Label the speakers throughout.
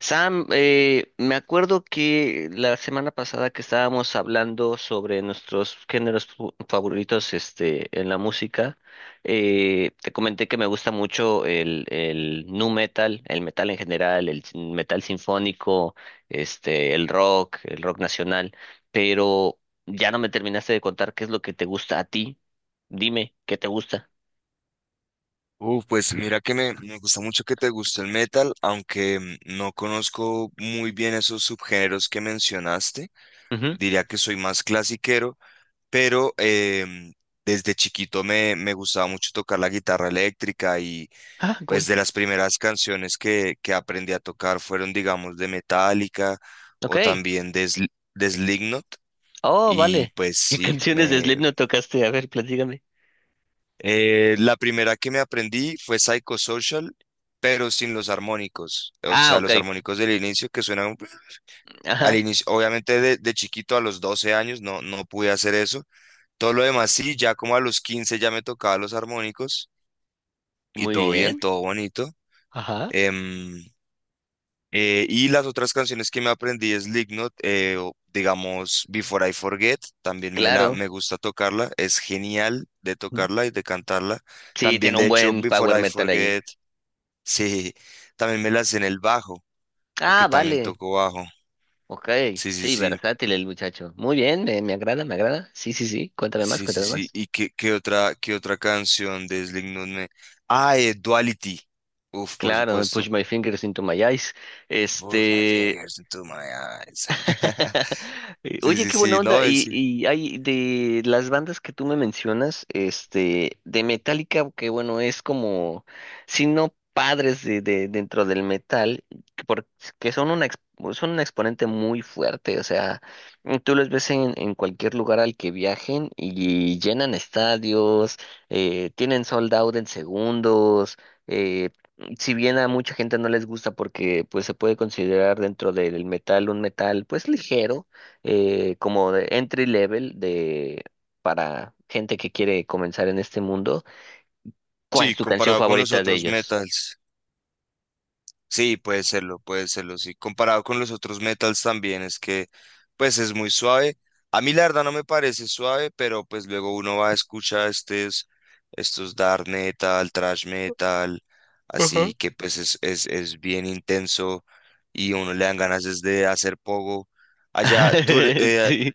Speaker 1: Sam, me acuerdo que la semana pasada que estábamos hablando sobre nuestros géneros favoritos, este, en la música, te comenté que me gusta mucho el nu metal, el metal en general, el metal sinfónico, este, el rock nacional, pero ya no me terminaste de contar qué es lo que te gusta a ti. Dime, ¿qué te gusta?
Speaker 2: Pues mira que me gusta mucho que te guste el metal, aunque mm, no conozco muy bien esos subgéneros que mencionaste.
Speaker 1: Ujú.
Speaker 2: Diría que soy más clasiquero, pero desde chiquito me gustaba mucho tocar la guitarra eléctrica y
Speaker 1: Ah,
Speaker 2: pues
Speaker 1: cool.
Speaker 2: de las primeras canciones que aprendí a tocar fueron, digamos, de Metallica
Speaker 1: Ok.
Speaker 2: o también de Slipknot.
Speaker 1: Oh,
Speaker 2: Y
Speaker 1: vale.
Speaker 2: pues
Speaker 1: ¿Qué
Speaker 2: sí,
Speaker 1: canciones de
Speaker 2: me...
Speaker 1: Slipknot tocaste? A ver, platícame.
Speaker 2: La primera que me aprendí fue Psychosocial, pero sin los armónicos. O
Speaker 1: Ah,
Speaker 2: sea,
Speaker 1: ok.
Speaker 2: los armónicos del inicio que suenan al
Speaker 1: Ajá.
Speaker 2: inicio. Obviamente de chiquito a los 12 años no pude hacer eso. Todo lo demás sí, ya como a los 15 ya me tocaba los armónicos y
Speaker 1: Muy
Speaker 2: todo bien,
Speaker 1: bien.
Speaker 2: todo bonito.
Speaker 1: Ajá.
Speaker 2: Em, y las otras canciones que me aprendí es Lignot, o digamos Before I Forget, también
Speaker 1: Claro.
Speaker 2: me gusta tocarla, es genial de
Speaker 1: Mm.
Speaker 2: tocarla y de cantarla.
Speaker 1: Sí,
Speaker 2: También
Speaker 1: tiene
Speaker 2: de
Speaker 1: un
Speaker 2: hecho
Speaker 1: buen power
Speaker 2: Before I
Speaker 1: metal ahí.
Speaker 2: Forget. Sí, también me la sé en el bajo,
Speaker 1: Ah,
Speaker 2: porque también
Speaker 1: vale.
Speaker 2: toco bajo.
Speaker 1: Ok.
Speaker 2: Sí, sí,
Speaker 1: Sí,
Speaker 2: sí,
Speaker 1: versátil el muchacho. Muy bien, me agrada, me agrada. Sí, sí, sí. Cuéntame más,
Speaker 2: sí, sí,
Speaker 1: cuéntame
Speaker 2: sí.
Speaker 1: más.
Speaker 2: ¿Y qué otra, qué otra canción de Slipknot me... Ah, Duality. Uf, por
Speaker 1: Claro, I push
Speaker 2: supuesto.
Speaker 1: my fingers into my eyes.
Speaker 2: Push my
Speaker 1: Este,
Speaker 2: fingers into my eyes. Sí,
Speaker 1: Oye,
Speaker 2: sí,
Speaker 1: qué buena
Speaker 2: sí, no,
Speaker 1: onda. Y,
Speaker 2: sí.
Speaker 1: y hay de las bandas que tú me mencionas, este, de Metallica, que bueno, es como, si no padres dentro del metal, porque son un exponente muy fuerte. O sea, tú los ves en cualquier lugar al que viajen y llenan estadios, tienen sold out en segundos. eh, si bien a mucha gente no les gusta porque pues se puede considerar dentro del metal un metal pues ligero, como de entry level de para gente que quiere comenzar en este mundo, ¿cuál
Speaker 2: Sí,
Speaker 1: es tu canción
Speaker 2: comparado con los
Speaker 1: favorita de
Speaker 2: otros
Speaker 1: ellos?
Speaker 2: metals. Sí, puede serlo, sí. Comparado con los otros metals también es que, pues es muy suave. A mí la verdad no me parece suave, pero pues luego uno va a escuchar estos dark metal, thrash metal,
Speaker 1: Ajá.
Speaker 2: así que pues es bien intenso y uno le dan ganas es de hacer pogo. Allá, tú,
Speaker 1: Sí.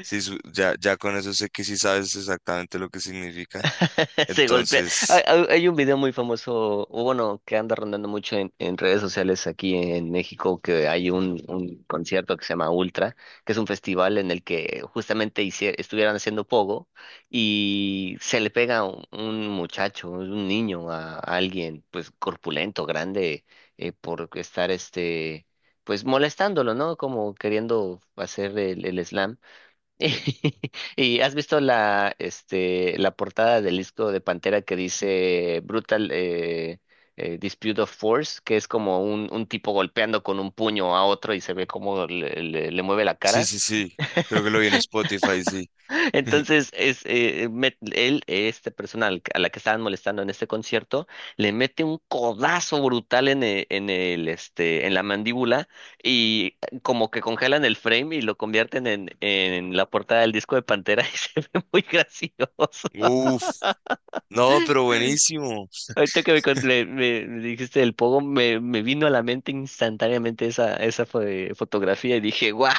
Speaker 2: sí, ya, ya con eso sé que sí sabes exactamente lo que significa.
Speaker 1: Se golpea.
Speaker 2: Entonces,
Speaker 1: Hay un video muy famoso, o bueno, que anda rondando mucho en redes sociales aquí en México, que hay un concierto que se llama Ultra, que es un festival en el que justamente estuvieran haciendo pogo y se le pega un muchacho, un niño a alguien, pues corpulento, grande, por estar este, pues molestándolo, ¿no? Como queriendo hacer el slam. ¿Y has visto la, este, la portada del disco de Pantera que dice Brutal Dispute of Force, que es como un tipo golpeando con un puño a otro y se ve cómo le mueve la
Speaker 2: sí,
Speaker 1: cara?
Speaker 2: sí, sí, creo que lo vi en Spotify, sí.
Speaker 1: Entonces, esta persona a la que estaban molestando en este concierto, le mete un codazo brutal en el, este, en la mandíbula y como que congelan el frame y lo convierten en la portada del disco de Pantera y se ve muy gracioso.
Speaker 2: Uf. No, pero buenísimo.
Speaker 1: Ahorita que me dijiste del pogo, me vino a la mente instantáneamente esa fotografía y dije, wow.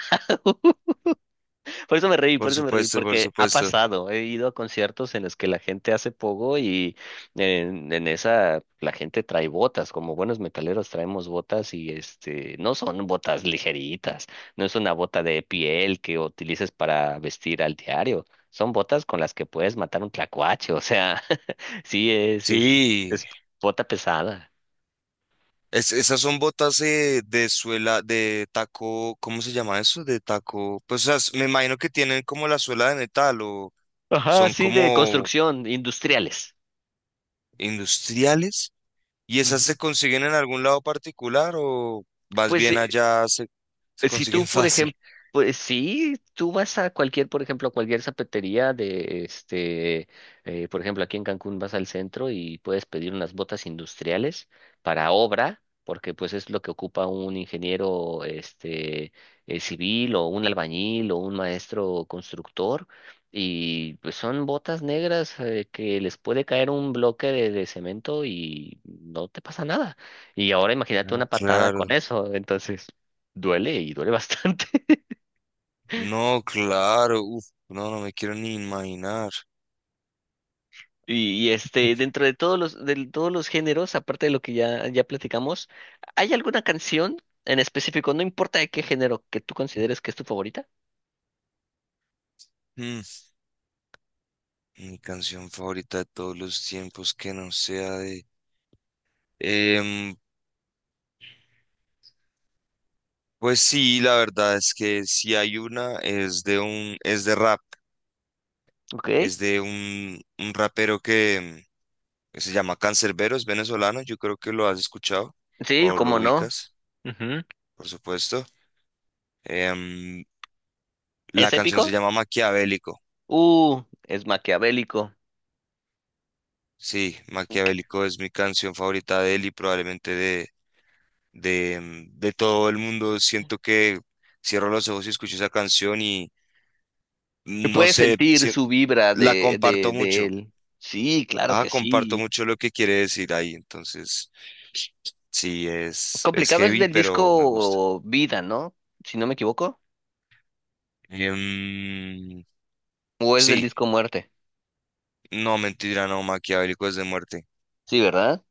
Speaker 1: Por eso me reí, por
Speaker 2: Por
Speaker 1: eso me reí,
Speaker 2: supuesto, por
Speaker 1: porque ha
Speaker 2: supuesto.
Speaker 1: pasado. He ido a conciertos en los que la gente hace pogo y en esa la gente trae botas, como buenos metaleros traemos botas y este no son botas ligeritas, no es una bota de piel que utilices para vestir al diario, son botas con las que puedes matar un tlacuache, o sea, sí es es
Speaker 2: Sí,
Speaker 1: es bota pesada.
Speaker 2: es- esas son botas de suela, de taco, ¿cómo se llama eso? De taco. Pues o sea, me imagino que tienen como la suela de metal o
Speaker 1: Ajá,
Speaker 2: son
Speaker 1: sí de
Speaker 2: como
Speaker 1: construcción, industriales.
Speaker 2: industriales. ¿Y esas
Speaker 1: Ujú.
Speaker 2: se consiguen en algún lado particular o vas
Speaker 1: Pues
Speaker 2: bien allá, se
Speaker 1: Si tú,
Speaker 2: consiguen
Speaker 1: por
Speaker 2: fácil?
Speaker 1: ejemplo, pues sí, tú vas a cualquier, por ejemplo, a cualquier zapatería de este, por ejemplo, aquí en Cancún vas al centro y puedes pedir unas botas industriales para obra, porque pues es lo que ocupa un ingeniero este civil o un albañil o un maestro constructor. Y pues son botas negras que les puede caer un bloque de cemento y no te pasa nada. Y ahora imagínate
Speaker 2: Ah,
Speaker 1: una patada con
Speaker 2: claro,
Speaker 1: eso, entonces. Duele y duele bastante.
Speaker 2: no, claro. Uf, no, no me quiero ni imaginar.
Speaker 1: Este, dentro de todos los géneros, aparte de lo que ya, ya platicamos, ¿hay alguna canción en específico, no importa de qué género, que tú consideres que es tu favorita?
Speaker 2: Mm. Mi canción favorita de todos los tiempos que no sea de... Em, pues sí, la verdad es que si hay una, es de un, es de rap,
Speaker 1: Ok.
Speaker 2: es de un rapero que, que se llama Canserbero, es venezolano, yo creo que lo has escuchado
Speaker 1: Sí,
Speaker 2: o lo
Speaker 1: cómo no.
Speaker 2: ubicas,
Speaker 1: Ujú.
Speaker 2: por supuesto. Em,
Speaker 1: ¿Es
Speaker 2: la canción se
Speaker 1: épico?
Speaker 2: llama Maquiavélico,
Speaker 1: Es maquiavélico.
Speaker 2: sí,
Speaker 1: Que
Speaker 2: Maquiavélico es mi canción favorita de él y probablemente de, de todo el mundo. Siento que cierro los ojos y escucho esa canción
Speaker 1: que
Speaker 2: no
Speaker 1: puedes
Speaker 2: sé,
Speaker 1: sentir su vibra
Speaker 2: la comparto
Speaker 1: de
Speaker 2: mucho.
Speaker 1: él. Sí, claro
Speaker 2: Ah,
Speaker 1: que
Speaker 2: comparto
Speaker 1: sí.
Speaker 2: mucho lo que quiere decir ahí. Entonces, sí, es
Speaker 1: Complicado es
Speaker 2: heavy,
Speaker 1: del
Speaker 2: pero me gusta.
Speaker 1: disco Vida, ¿no? Si no me equivoco.
Speaker 2: Em,
Speaker 1: ¿O es
Speaker 2: sí,
Speaker 1: del disco Muerte?
Speaker 2: no, mentira, no, Maquiavélico es de Muerte.
Speaker 1: Sí, ¿verdad?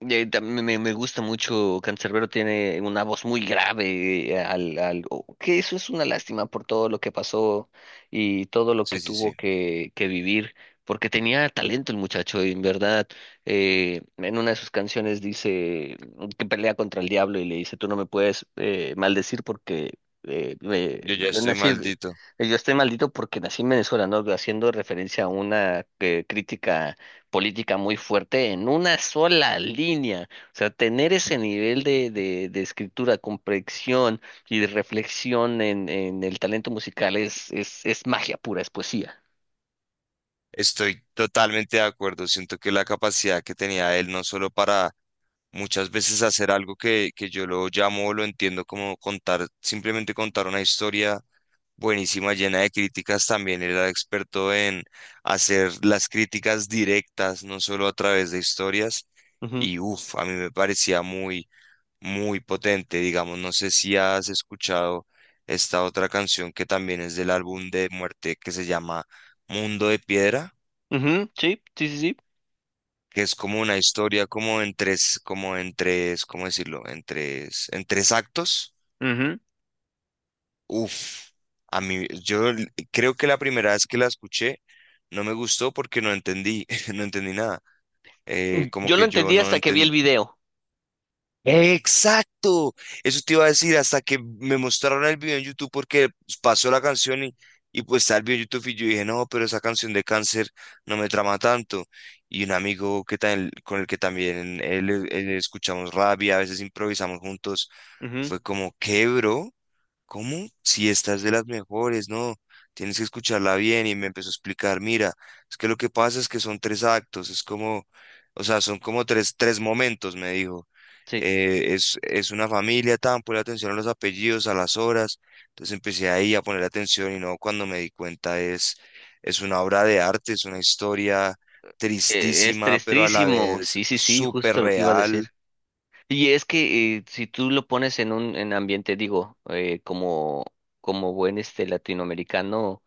Speaker 1: Me, me gusta mucho, Cancerbero tiene una voz muy grave, que eso es una lástima por todo lo que pasó y todo lo que
Speaker 2: Sí, sí,
Speaker 1: tuvo
Speaker 2: sí.
Speaker 1: que vivir, porque tenía talento el muchacho, y en verdad, en una de sus canciones dice que pelea contra el diablo y le dice, tú no me puedes maldecir porque
Speaker 2: Yo ya
Speaker 1: yo
Speaker 2: estoy
Speaker 1: nací,
Speaker 2: maldito.
Speaker 1: yo estoy maldito porque nací en Venezuela, ¿no? Haciendo referencia a una crítica política muy fuerte en una sola línea. O sea, tener ese nivel de escritura, comprensión y de reflexión en el talento musical es magia pura, es poesía.
Speaker 2: Estoy totalmente de acuerdo. Siento que la capacidad que tenía él, no solo para muchas veces hacer algo que yo lo llamo o lo entiendo como contar, simplemente contar una historia buenísima, llena de críticas también. Era experto en hacer las críticas directas, no solo a través de historias.
Speaker 1: Ujú,
Speaker 2: Y uff, a mí me parecía muy, muy potente. Digamos, no sé si has escuchado esta otra canción que también es del álbum de Muerte que se llama Mundo de Piedra,
Speaker 1: ujú, sí, sí, sí, sí.
Speaker 2: que es como una historia como como en tres, ¿cómo decirlo? En tres actos.
Speaker 1: Ujú.
Speaker 2: Uf, a mí, creo que la primera vez que la escuché no me gustó porque no entendí, no entendí nada.
Speaker 1: Mm,
Speaker 2: Como
Speaker 1: yo lo
Speaker 2: que yo
Speaker 1: entendí
Speaker 2: no
Speaker 1: hasta que vi
Speaker 2: entendí.
Speaker 1: el video.
Speaker 2: ¡Exacto! Eso te iba a decir hasta que me mostraron el video en YouTube porque pasó la canción y pues está el video en YouTube y yo dije, no, pero esa canción de Cáncer no me trama tanto. Y un amigo que con el que también él escuchamos rap y a veces improvisamos juntos,
Speaker 1: Ujú,
Speaker 2: fue como, ¿qué, bro? ¿Cómo? Si esta es de las mejores, no, tienes que escucharla bien. Y me empezó a explicar, mira, es que lo que pasa es que son tres actos, es como, o sea, son como tres momentos, me dijo.
Speaker 1: sí.
Speaker 2: Es una familia tan, ponle atención a los apellidos, a las horas. Entonces empecé ahí a poner atención y no, cuando me di cuenta es una obra de arte, es una historia
Speaker 1: Es
Speaker 2: tristísima, pero a la
Speaker 1: tristísimo,
Speaker 2: vez
Speaker 1: sí, sí, sí,
Speaker 2: súper
Speaker 1: justo lo que iba a decir.
Speaker 2: real.
Speaker 1: Y es que si tú lo pones en un en ambiente, digo, como, como buen este latinoamericano,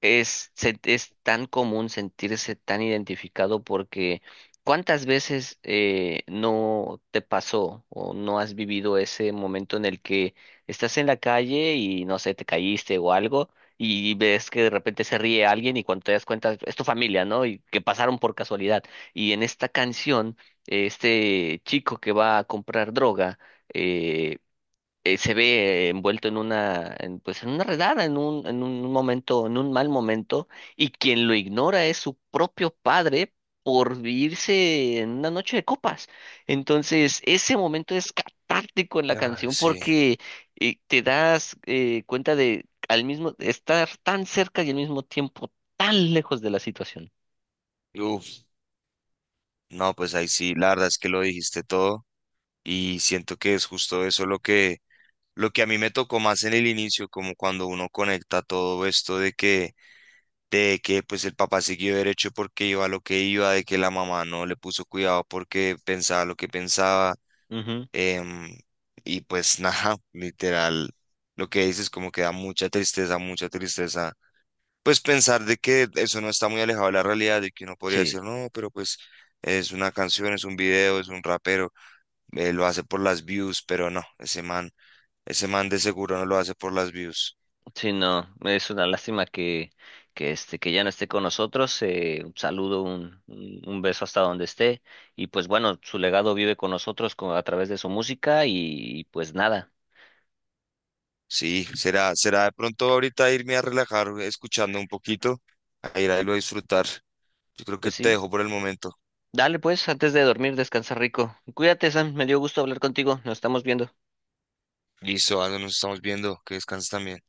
Speaker 1: Es tan común sentirse tan identificado porque ¿cuántas veces no te pasó o no has vivido ese momento en el que estás en la calle y no sé, te caíste o algo y ves que de repente se ríe alguien y cuando te das cuenta es tu familia, ¿no? Y que pasaron por casualidad. Y en esta canción, este chico que va a comprar droga, eh, se ve envuelto en una, en, pues en una redada, en un momento, en un mal momento, y quien lo ignora es su propio padre por irse en una noche de copas. Entonces, ese momento es catártico en la
Speaker 2: Ay,
Speaker 1: canción
Speaker 2: sí.
Speaker 1: porque te das cuenta de al mismo estar tan cerca y al mismo tiempo tan lejos de la situación.
Speaker 2: Uf, no, pues ahí sí, la verdad es que lo dijiste todo. Y siento que es justo eso lo que a mí me tocó más en el inicio, como cuando uno conecta todo esto de que pues el papá siguió derecho porque iba a lo que iba, de que la mamá no le puso cuidado porque pensaba lo que pensaba.
Speaker 1: Ujú,
Speaker 2: em, y pues nada, literal, lo que dices como que da mucha tristeza, mucha tristeza. Pues pensar de que eso no está muy alejado de la realidad, de que uno podría
Speaker 1: sí.
Speaker 2: decir, no, pero pues es una canción, es un video, es un rapero lo hace por las views, pero no, ese man de seguro no lo hace por las views.
Speaker 1: Sí, no, es una lástima que este, que ya no esté con nosotros. Un saludo, un beso hasta donde esté. Y pues bueno, su legado vive con nosotros a través de su música y, pues nada,
Speaker 2: Sí, será, será de pronto ahorita irme a relajar escuchando un poquito, a ir a irlo a disfrutar. Yo creo que
Speaker 1: pues
Speaker 2: te
Speaker 1: sí.
Speaker 2: dejo por el momento.
Speaker 1: Dale pues, antes de dormir, descansa rico. Cuídate, Sam, me dio gusto hablar contigo. Nos estamos viendo.
Speaker 2: Listo, ah, nos estamos viendo, que descanses también.